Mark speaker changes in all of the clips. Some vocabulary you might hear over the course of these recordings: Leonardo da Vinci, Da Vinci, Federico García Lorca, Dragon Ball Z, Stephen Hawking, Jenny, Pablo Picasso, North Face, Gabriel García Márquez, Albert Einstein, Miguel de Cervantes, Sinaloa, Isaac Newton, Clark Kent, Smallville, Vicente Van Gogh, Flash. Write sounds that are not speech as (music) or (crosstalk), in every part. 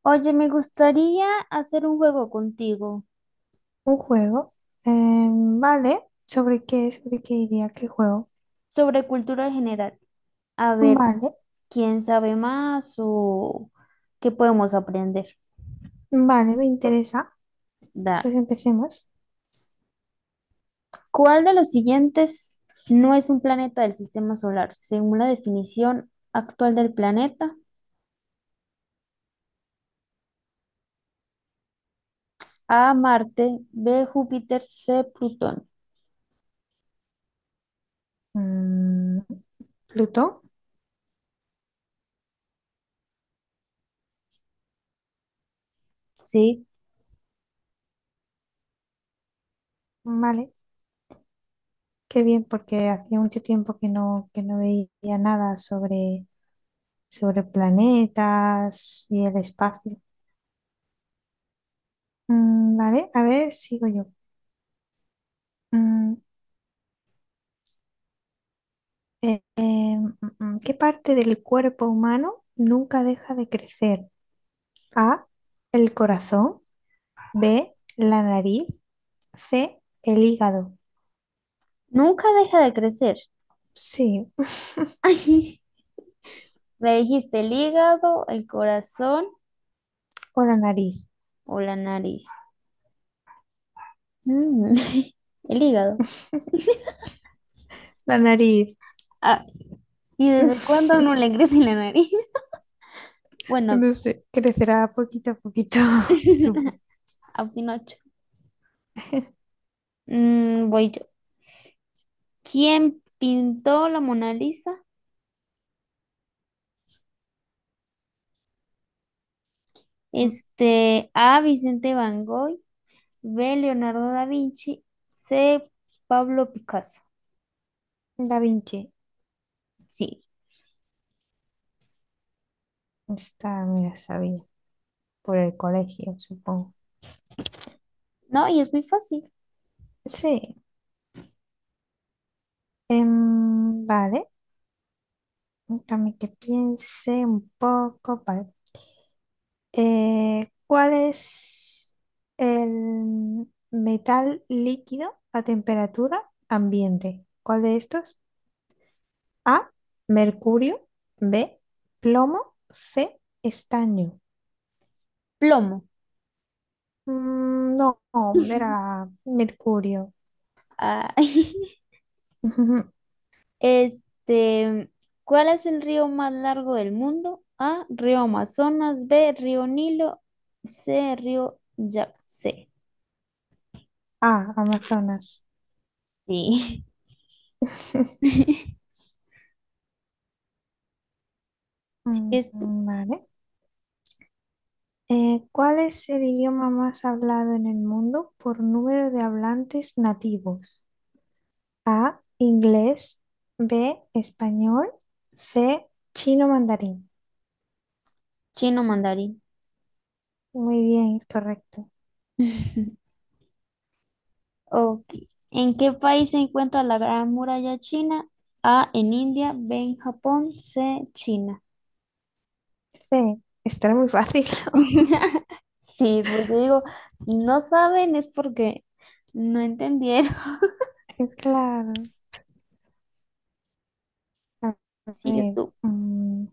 Speaker 1: Oye, me gustaría hacer un juego contigo
Speaker 2: Un juego. Vale. ¿Sobre qué? ¿Sobre qué iría? ¿Qué juego?
Speaker 1: sobre cultura general. A ver,
Speaker 2: Vale.
Speaker 1: ¿quién sabe más o qué podemos aprender?
Speaker 2: Vale, me interesa.
Speaker 1: Da.
Speaker 2: Pues empecemos.
Speaker 1: ¿Cuál de los siguientes no es un planeta del sistema solar? Según la definición actual del planeta, A, Marte, B, Júpiter, C, Plutón.
Speaker 2: Mm, Plutón.
Speaker 1: Sí,
Speaker 2: Vale. Qué bien, porque hacía mucho tiempo que no veía nada sobre planetas y el espacio. Mm, vale. A ver, sigo yo. Mm, ¿Qué parte del cuerpo humano nunca deja de crecer? A. El corazón. B. La nariz. C, el hígado.
Speaker 1: nunca deja de crecer.
Speaker 2: Sí,
Speaker 1: (laughs) Ay, me dijiste el hígado, el corazón
Speaker 2: o la nariz.
Speaker 1: o la nariz. Mm, (laughs) el hígado.
Speaker 2: (laughs) La nariz.
Speaker 1: Ah. ¿Y desde cuándo a
Speaker 2: (laughs)
Speaker 1: uno le crece la nariz? (laughs) Bueno,
Speaker 2: No sé, crecerá poquito a poquito, (laughs) supongo.
Speaker 1: (laughs) a Pinocho. Voy yo. ¿Quién pintó la Mona Lisa? Este, A. Vicente Van Gogh, B. Leonardo da Vinci, C. Pablo Picasso.
Speaker 2: Da Vinci.
Speaker 1: Sí,
Speaker 2: Esta me la sabía por el colegio, supongo.
Speaker 1: no, y es muy fácil.
Speaker 2: Sí, vale. Déjame que piense un poco. Vale. ¿Cuál es el metal líquido a temperatura ambiente? ¿Cuál de estos? A, mercurio, B, plomo, C, estaño.
Speaker 1: Plomo.
Speaker 2: No, era
Speaker 1: (laughs)
Speaker 2: mercurio.
Speaker 1: Ah, (laughs)
Speaker 2: (laughs)
Speaker 1: este, ¿cuál es el río más largo del mundo? A, río Amazonas, B, río Nilo, C, río Yangtze.
Speaker 2: Ah, Amazonas.
Speaker 1: Sí.
Speaker 2: (laughs)
Speaker 1: (laughs)
Speaker 2: Mm.
Speaker 1: Es
Speaker 2: Vale. ¿Cuál es el idioma más hablado en el mundo por número de hablantes nativos? A, inglés, B, español, C, chino mandarín.
Speaker 1: chino mandarín.
Speaker 2: Muy bien, es correcto.
Speaker 1: (laughs) Ok. ¿En qué país se encuentra la Gran Muralla China? A, en India, B, en Japón, C, China.
Speaker 2: C, estará muy fácil, (laughs)
Speaker 1: (laughs) Sí, pues yo digo, si no saben es porque no entendieron. (laughs)
Speaker 2: ¿no? Claro. A
Speaker 1: Sigues
Speaker 2: ver,
Speaker 1: tú.
Speaker 2: mm,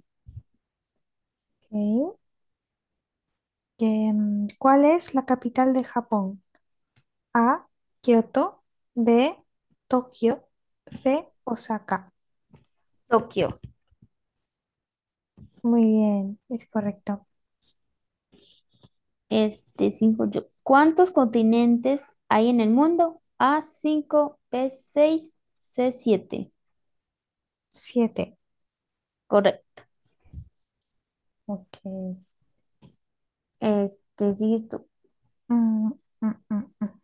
Speaker 2: ok. Que, ¿Cuál es la capital de Japón? A, Kioto, B, Tokio, C, Osaka.
Speaker 1: Tokio.
Speaker 2: Muy bien, es correcto.
Speaker 1: Este, cinco yo. ¿Cuántos continentes hay en el mundo? A, 5, B, 6, C, siete.
Speaker 2: Siete.
Speaker 1: Correcto.
Speaker 2: Ok.
Speaker 1: Este, sigues tú.
Speaker 2: Mm, mm, mm, mm.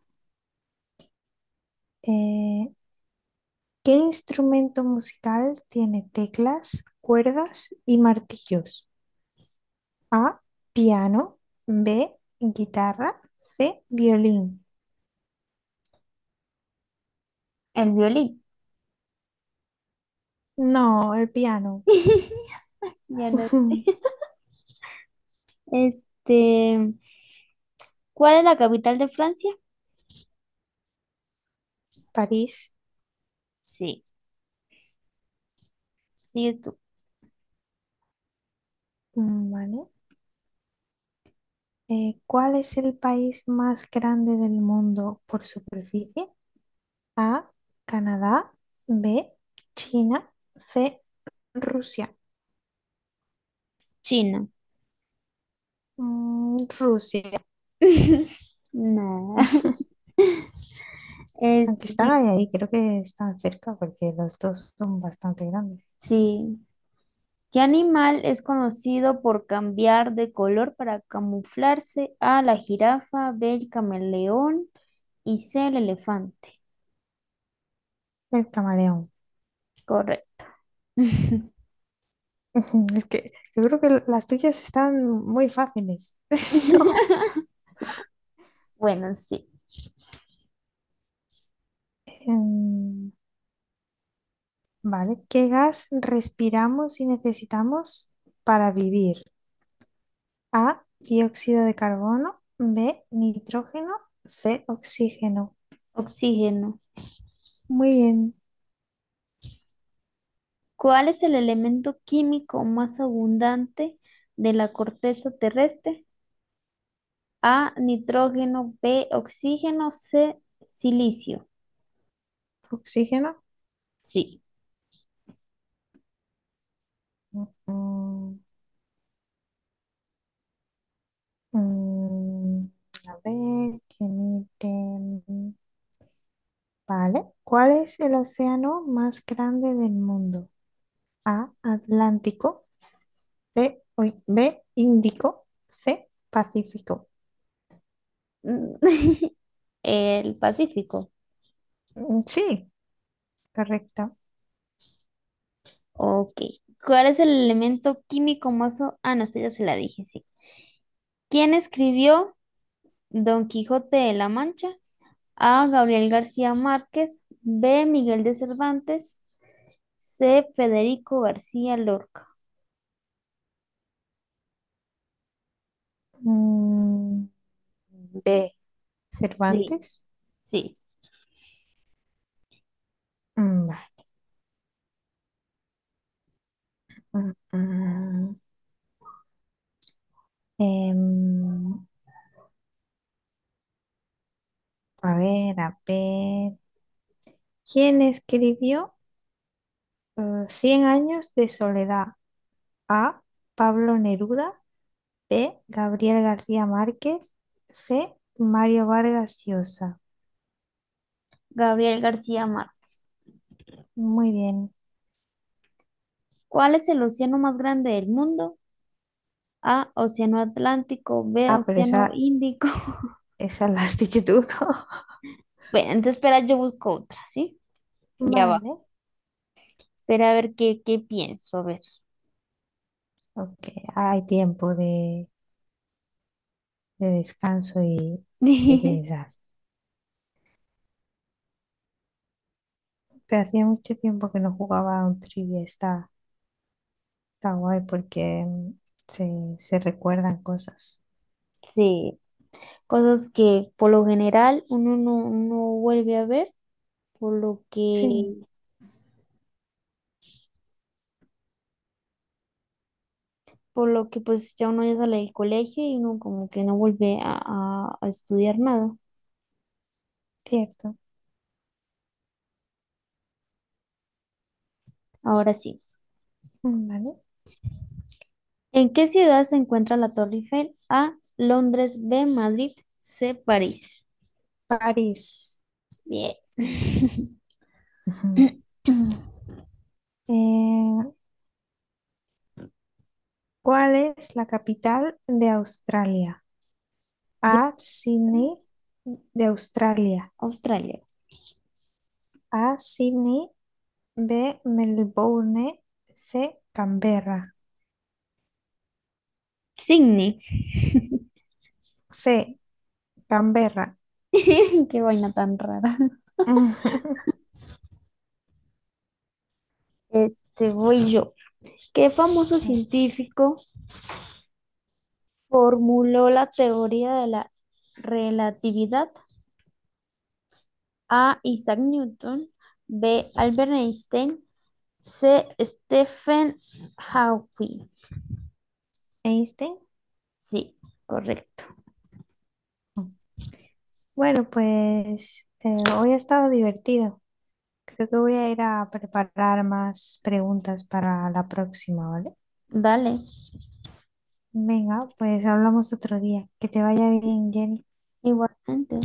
Speaker 2: Eh, ¿Qué instrumento musical tiene teclas, cuerdas y martillos? A, piano, B, guitarra, C, violín.
Speaker 1: El violín.
Speaker 2: No, el piano.
Speaker 1: (laughs) Ya no.
Speaker 2: (laughs)
Speaker 1: Este, ¿cuál es la capital de Francia?
Speaker 2: París,
Speaker 1: Sí, sigues tú.
Speaker 2: ¿vale? ¿Cuál es el país más grande del mundo por superficie? A, Canadá, B, China, C, Rusia.
Speaker 1: China.
Speaker 2: Rusia.
Speaker 1: (laughs) No.
Speaker 2: (laughs) Aunque
Speaker 1: Este,
Speaker 2: están
Speaker 1: sí,
Speaker 2: ahí, creo que están cerca porque los dos son bastante grandes.
Speaker 1: sí. ¿Qué animal es conocido por cambiar de color para camuflarse? A, la jirafa, B, el camaleón y C, el elefante.
Speaker 2: El camaleón.
Speaker 1: Correcto.
Speaker 2: (laughs) Es que yo creo que las tuyas están muy fáciles, (laughs) ¿no?
Speaker 1: (laughs) Bueno, sí.
Speaker 2: Em, vale, ¿qué gas respiramos y necesitamos para vivir? A, dióxido de carbono, B, nitrógeno, C, oxígeno.
Speaker 1: Oxígeno.
Speaker 2: Muy bien,
Speaker 1: ¿Cuál es el elemento químico más abundante de la corteza terrestre? A, nitrógeno, B, oxígeno, C, silicio.
Speaker 2: oxígeno.
Speaker 1: Sí.
Speaker 2: Mm, mm, mm. A ver, que mire. Vale, ¿cuál es el océano más grande del mundo? A, Atlántico, B, Índico, C, Pacífico.
Speaker 1: Mm, (laughs) El Pacífico.
Speaker 2: Mm, sí, correcto.
Speaker 1: Ok. ¿Cuál es el elemento químico más o- Ah, no, esta ya se la dije, sí. ¿Quién escribió Don Quijote de la Mancha? A, Gabriel García Márquez. B, Miguel de Cervantes. C, Federico García Lorca.
Speaker 2: Mm, B,
Speaker 1: Sí,
Speaker 2: Cervantes.
Speaker 1: sí.
Speaker 2: Mm, vale. Mm, mm. Em, a ver, a ver. ¿Quién escribió eh, Cien años de soledad? A. Pablo Neruda. B. Gabriel García Márquez. C. Mario Vargas Llosa.
Speaker 1: Gabriel García Márquez.
Speaker 2: Muy bien.
Speaker 1: ¿Cuál es el océano más grande del mundo? A, Océano Atlántico, B,
Speaker 2: Ah, pero
Speaker 1: Océano Índico. (laughs)
Speaker 2: esa la has dicho tú, ¿no?
Speaker 1: Bueno, entonces espera, yo busco otra, ¿sí?
Speaker 2: (laughs)
Speaker 1: Ya va.
Speaker 2: Vale.
Speaker 1: Espera a ver qué pienso, a ver.
Speaker 2: Ok, hay tiempo de descanso y
Speaker 1: (laughs)
Speaker 2: pensar. Pero hacía mucho tiempo que no jugaba a un trivia. Está guay porque se recuerdan cosas.
Speaker 1: Sí, cosas que por lo general uno no vuelve a ver, por lo
Speaker 2: Sí,
Speaker 1: que, por lo que pues ya uno ya sale del colegio y uno como que no vuelve a estudiar nada.
Speaker 2: cierto.
Speaker 1: Ahora sí.
Speaker 2: Vale.
Speaker 1: ¿En qué ciudad se encuentra la Torre Eiffel? A, Londres, B, Madrid, C, París.
Speaker 2: París.
Speaker 1: Bien. (laughs)
Speaker 2: Ujú. Eh, ¿Cuál es la capital de Australia?
Speaker 1: ¿De otra?
Speaker 2: A, Sydney de Australia.
Speaker 1: Australia.
Speaker 2: A, Sydney. B, Melbourne. C, Canberra.
Speaker 1: Sydney.
Speaker 2: C, Canberra.
Speaker 1: (laughs) Qué vaina tan rara.
Speaker 2: (laughs)
Speaker 1: Este, voy yo. ¿Qué famoso
Speaker 2: Vale.
Speaker 1: científico formuló la teoría de la relatividad? A. Isaac Newton. B. Albert Einstein. C. Stephen Hawking.
Speaker 2: ¿Einstein?
Speaker 1: Sí, correcto.
Speaker 2: Bueno, pues hoy ha estado divertido. Creo que voy a ir a preparar más preguntas para la próxima, ¿vale?
Speaker 1: Dale,
Speaker 2: Venga, pues hablamos otro día. Que te vaya bien, Jenny.
Speaker 1: igualmente.